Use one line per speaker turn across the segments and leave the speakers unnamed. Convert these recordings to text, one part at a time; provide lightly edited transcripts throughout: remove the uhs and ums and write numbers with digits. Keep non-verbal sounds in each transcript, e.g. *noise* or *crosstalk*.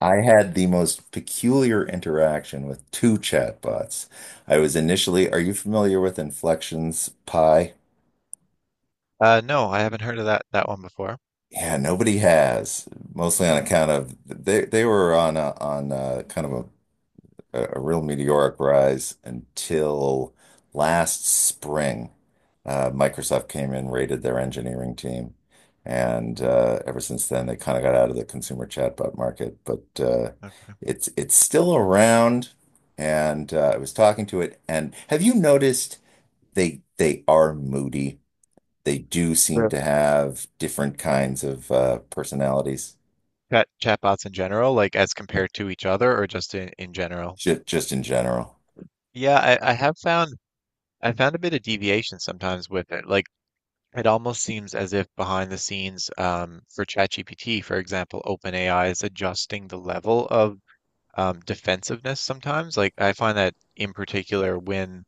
I had the most peculiar interaction with two chatbots. I was initially, are you familiar with Inflection's Pi?
No, I haven't heard of that one before.
Yeah, nobody has, mostly on
Hmm.
account of they were on kind of a a real meteoric rise until last spring.
Okay.
Microsoft came in, raided their engineering team, and
Hmm.
ever since then they kind of got out of the consumer chatbot market. But
Okay.
it's still around, and I was talking to it. And have you noticed they are moody? They do seem
Yeah.
to have different kinds of personalities,
Chat chatbots in general, like as compared to each other, or just in general.
just in general.
Yeah, I have found a bit of deviation sometimes with it. Like it almost seems as if behind the scenes, for ChatGPT, for example, OpenAI is adjusting the level of defensiveness sometimes. Like I find that in particular when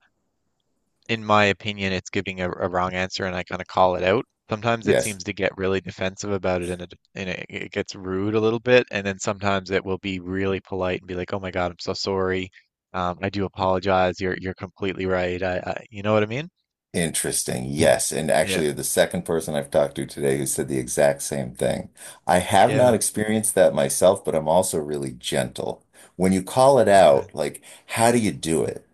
in my opinion, it's giving a wrong answer and I kind of call it out. Sometimes it
Yes.
seems to get really defensive about it and it gets rude a little bit. And then sometimes it will be really polite and be like, "Oh my God, I'm so sorry. I do apologize. You're completely right. I you know what I mean?
Interesting. Yes. And
Yeah,
actually, you're the second person I've talked to today who said the exact same thing. I have not
yeah.
experienced that myself, but I'm also really gentle. When you call it
Okay.
out, like, how do you do it?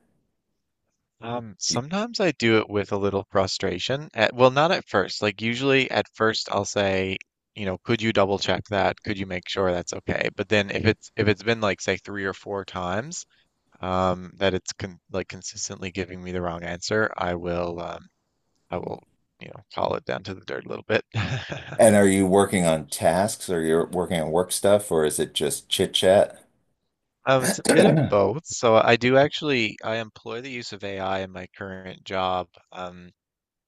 Do-
Sometimes I do it with a little frustration. At, well, not at first. Like usually at first I'll say, you know, could you double check that? Could you make sure that's okay? But then if it's been like say three or four times, that it's con like consistently giving me the wrong answer, I will you know call it down to the dirt a little bit. *laughs*
And are you working on tasks or you're working on work stuff or is it just chit chat?
It's a bit of
*clears throat*
both. So I do actually I employ the use of AI in my current job um,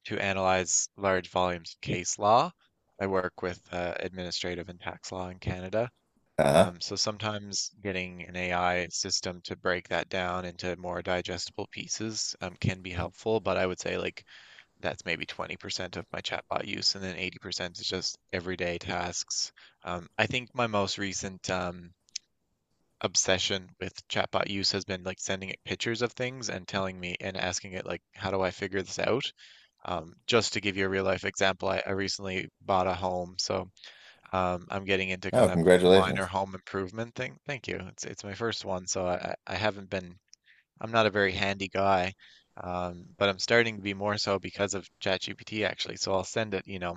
to analyze large volumes of case law. I work with administrative and tax law in Canada.
Uh-huh.
So sometimes getting an AI system to break that down into more digestible pieces can be helpful, but I would say like that's maybe 20% of my chatbot use, and then 80% is just everyday tasks. I think my most recent obsession with chatbot use has been like sending it pictures of things and telling me and asking it like, how do I figure this out? Just to give you a real life example, I recently bought a home, so I'm getting into
Oh,
kind of minor
congratulations.
home improvement thing. Thank you. It's my first one, so I haven't been I'm not a very handy guy, but I'm starting to be more so because of ChatGPT actually. So I'll send it, you know,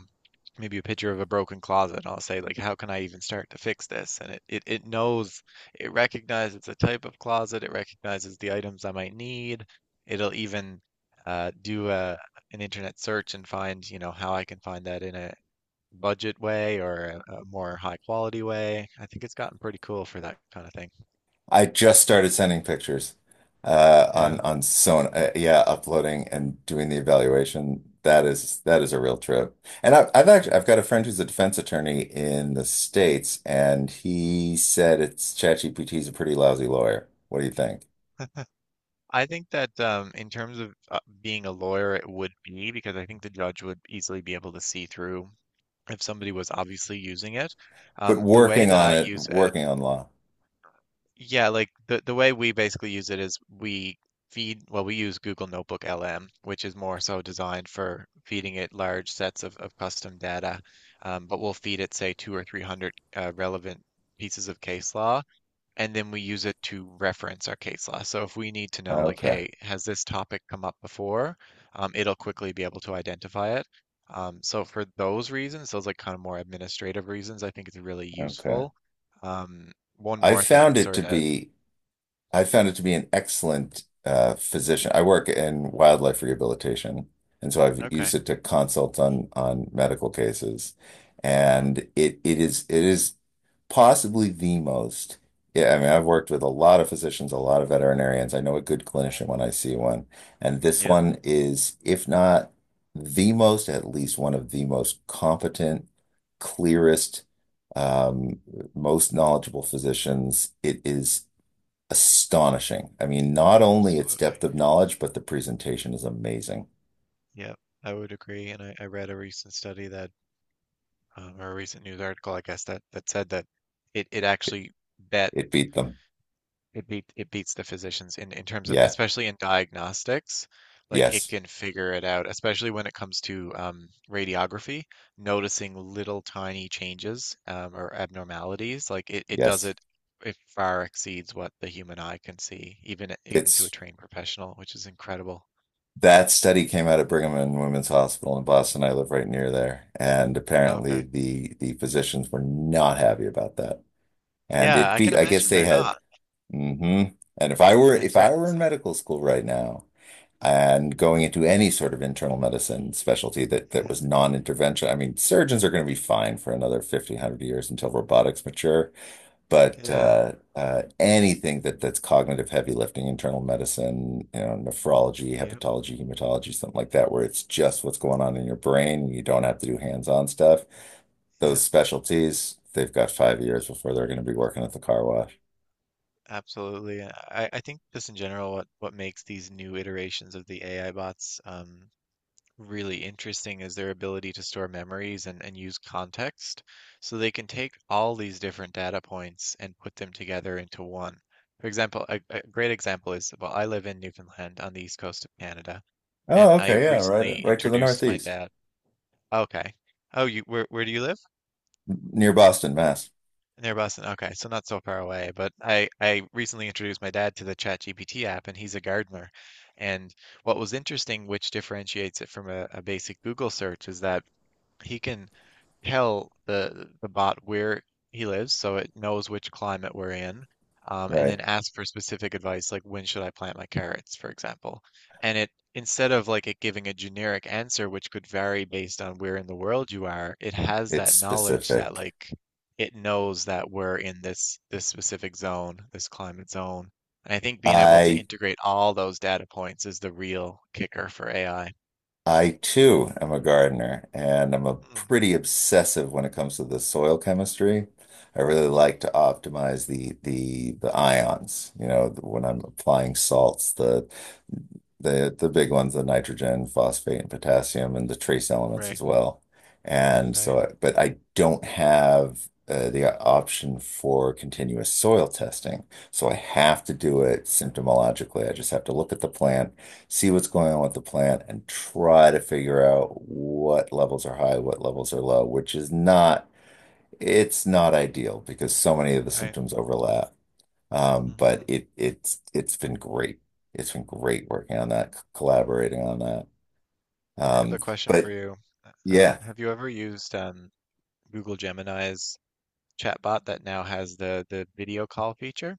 maybe a picture of a broken closet and I'll say like, how can I even start to fix this? And it knows, it recognizes the type of closet, it recognizes the items I might need. It'll even do an internet search and find, you know, how I can find that in a budget way or a more high quality way. I think it's gotten pretty cool for that kind of thing.
I just started sending pictures on
Yeah.
Sona. Yeah, uploading and doing the evaluation. That is a real trip. And I, I've actually I've
Mm,
got a friend who's a defense attorney in the States, and he said it's ChatGPT is a pretty lousy lawyer. What do you think?
I think that in terms of being a lawyer, it would be because I think the judge would easily be able to see through if somebody was obviously using it.
But
The way
working
that
on
I
it,
use it,
working on law.
yeah, like the way we basically use it is we feed, well, we use Google Notebook LM, which is more so designed for feeding it large sets of custom data. But we'll feed it, say, two or 300 relevant pieces of case law and then we use it to reference our case law. So if we need to know, like,
Okay,
hey, has this topic come up before? It'll quickly be able to identify it. So for those reasons, those like kind of more administrative reasons, I think it's really
okay.
useful. Um, one
I
more thing,
found it
sorry
to
to.
be. I found it to be an excellent physician. I work in wildlife rehabilitation, and so I've
Okay.
used it to consult on medical cases,
Hmm.
and it is possibly the most. Yeah, I mean, I've worked with a lot of physicians, a lot of veterinarians. I know a good clinician when I see one, and this
Yep,
one is, if not the most, at least one of the most competent, clearest, um, most knowledgeable physicians. It is astonishing. I mean, not only its
absolutely.
depth of knowledge, but the presentation is amazing.
Yep, I would agree. And I read a recent study that, or a recent news article, I guess, that said that it
It,
actually bet
it beat them.
It beat it beats the physicians in terms of
Yeah.
especially in diagnostics, like it
Yes.
can figure it out, especially when it comes to radiography, noticing little tiny changes or abnormalities. Like it does
Yes.
it it far exceeds what the human eye can see, even even to a
It's
trained professional, which is incredible.
that study came out of Brigham and Women's Hospital in Boston. I live right near there, and apparently
Okay.
the physicians were not happy about that. And
Yeah,
it
I can
beat. I guess
imagine
they
they're
had
not.
mm-hmm. And if I were
It
if I were
threatens
in
them.
medical school right now and going into any sort of internal medicine specialty that
Yeah.
was non-intervention, I mean, surgeons are going to be fine for another 50, 100 years until robotics mature. But
Yeah.
anything that that's cognitive heavy lifting, internal medicine, you know, nephrology,
Yep.
hepatology, hematology, something like that, where it's just what's going on in your brain, you don't have to do hands-on stuff. Those
Yep.
specialties, they've got 5 years before they're going to be working at the car wash.
Absolutely. And I think just in general, what makes these new iterations of the AI bots really interesting is their ability to store memories and use context. So they can take all these different data points and put them together into one. For example, a great example is, well, I live in Newfoundland on the east coast of Canada, and
Oh,
I
okay, yeah, right,
recently
right to the
introduced my
northeast,
dad. Okay. Oh, you, where do you live?
near Boston, Mass.
Near Boston. Okay, so not so far away. But I recently introduced my dad to the ChatGPT app, and he's a gardener. And what was interesting, which differentiates it from a basic Google search, is that he can tell the bot where he lives, so it knows which climate we're in, and
Right.
then ask for specific advice, like when should I plant my carrots, for example. And it instead of like it giving a generic answer, which could vary based on where in the world you are, it has
It's
that knowledge that
specific.
like it knows that we're in this specific zone, this climate zone. And I think being able to
I
integrate all those data points is the real kicker for AI.
I too am a gardener, and I'm a
Mm,
pretty obsessive when it comes to the soil chemistry. I really
mm,
like to optimize the ions, you know, when I'm applying salts, the big ones, the nitrogen, phosphate, and potassium, and the trace elements
right,
as well. And so,
right,
I- but I don't have the option for continuous soil testing, so I have to do
mhm,
it symptomologically. I just have to look at the plant, see what's going on with the plant and try to figure out what levels are high, what levels are low, which is not, it's not ideal because so many of the
right.
symptoms overlap. But
Hmm.
it's been great. It's been great working on that, collaborating on that.
I have
Um,
a question for
but
you.
yeah,
Have you ever used Google Gemini's chatbot that now has the video call feature?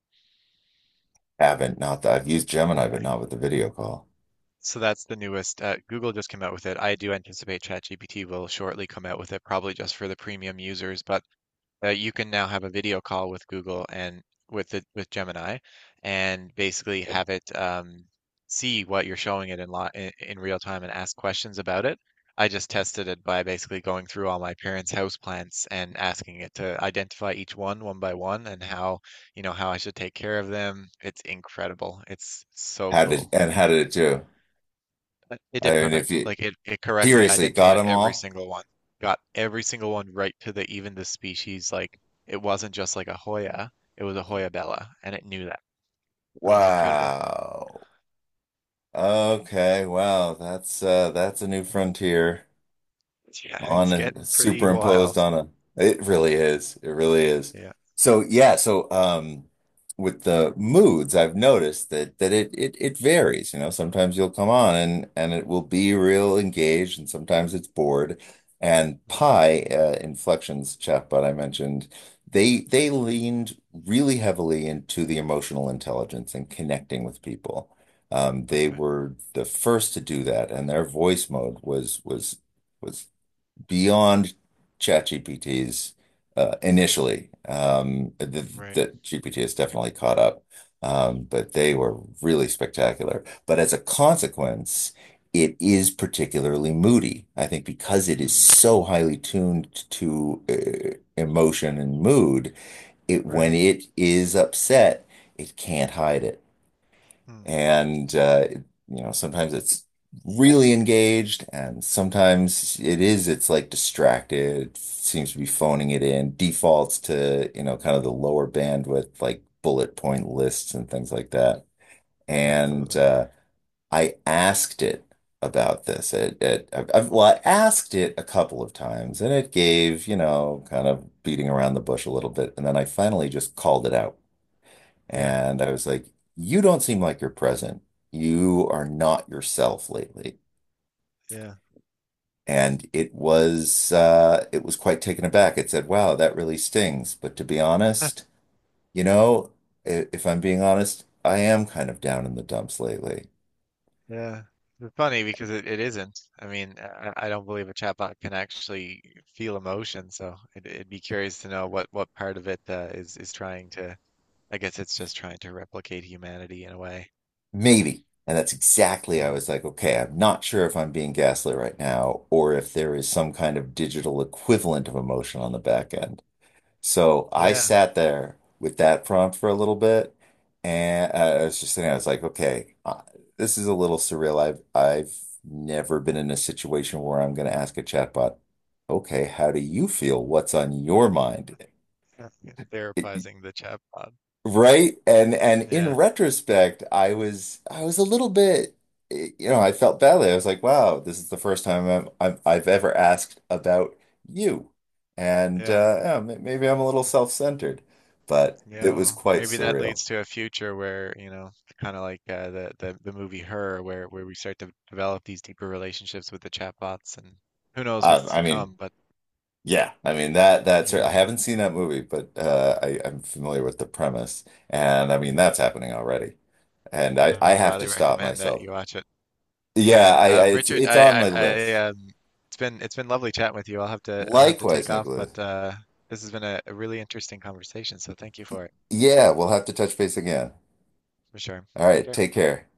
haven't, not that I've used Gemini, but
Okay.
not with the video call.
So that's the newest. Google just came out with it. I do anticipate ChatGPT will shortly come out with it, probably just for the premium users, but you can now have a video call with Google and with Gemini, and basically have it see what you're showing it in, li in real time and ask questions about it. I just tested it by basically going through all my parents' house plants and asking it to identify each one one by one and how, you know, how I should take care of them. It's incredible. It's so
How did,
cool.
and how did it do?
But it
I
did
mean, if
perfect.
you
Like it correctly
seriously got
identified
them
every
all,
single one. Got every single one right to the even the species. Like it wasn't just like a Hoya, it was a Hoya bella, and it knew that. And it was incredible.
wow.
Yeah,
Okay, wow, that's a new frontier
yeah, *laughs*
on
it's
a
getting pretty
superimposed
wild.
on a, it really is.
Yeah.
So with the moods I've noticed that it varies. You know, sometimes you'll come on and it will be real engaged, and sometimes it's bored. And
Hmm.
Pi, Inflection's chatbot I mentioned, they
Hmm.
they leaned really heavily into the emotional intelligence and connecting with people. They
Okay.
were the first to do that, and their voice mode was was beyond ChatGPT's,
Mm,
initially. Um, The
right.
the GPT has definitely caught up, but they were really spectacular. But as a consequence, it is particularly moody. I think because it is
Mm,
so highly tuned to emotion and mood, it when
right.
it is upset, it can't hide it.
Mm,
And you know, sometimes it's really engaged, and sometimes it is. It's like distracted, seems to be phoning it in, defaults to, you know, kind of the lower bandwidth, like bullet point lists and things like that. And
absolutely.
I asked it about this. It, I've- well, I asked it a couple of times, and it gave, you know, kind of beating around the bush a little bit, and then I finally just called it out.
Yeah.
And I was like, you don't seem like you're present. You are not yourself lately.
Yeah.
And it was quite taken aback. It said, wow, that really stings. But to be honest, you know, if I'm being honest, I am kind of down in the dumps lately.
Yeah, it's funny because it isn't. I mean, I don't believe a chatbot can actually feel emotion, so it'd be curious to know what part of it is trying to. I guess it's just trying to replicate humanity in a way.
Maybe. And that's exactly, I
Yeah,
was like, okay, I'm not sure if I'm being gaslit right now or if there is some kind of digital equivalent of emotion on the back end. So I
yeah.
sat there with that prompt for a little bit, and I was just sitting. I was like, okay, this is a little surreal. I've never been in a situation where I'm going to ask a chatbot, okay, how do you feel? What's on your mind?
It's therapizing the chatbot.
Right? And in
Yeah,
retrospect, I was a little bit you know, I felt badly. I was like, wow, this is the first time I've ever asked about you. And
yeah,
yeah, maybe I'm a little self-centered, but it
yeah.
was
Well,
quite
maybe that
surreal.
leads to a future where you know, kind of like the movie Her, where we start to develop these deeper relationships with the chatbots, and who knows what's to
I mean,
come. But
yeah, I mean that's
you know,
I haven't seen that movie, but I'm familiar with the premise. And I mean
yeah.
that's happening already. And
Would
I have
highly
to stop
recommend that
myself.
you watch it.
Yeah,
Yeah,
I it's
Richard,
on my list.
it's been lovely chatting with you. I'll have to
Likewise,
take off, but
Nicholas.
this has been a really interesting conversation. So thank you for it,
Yeah, we'll have to touch base again.
for sure.
All
Take
right,
care.
take care.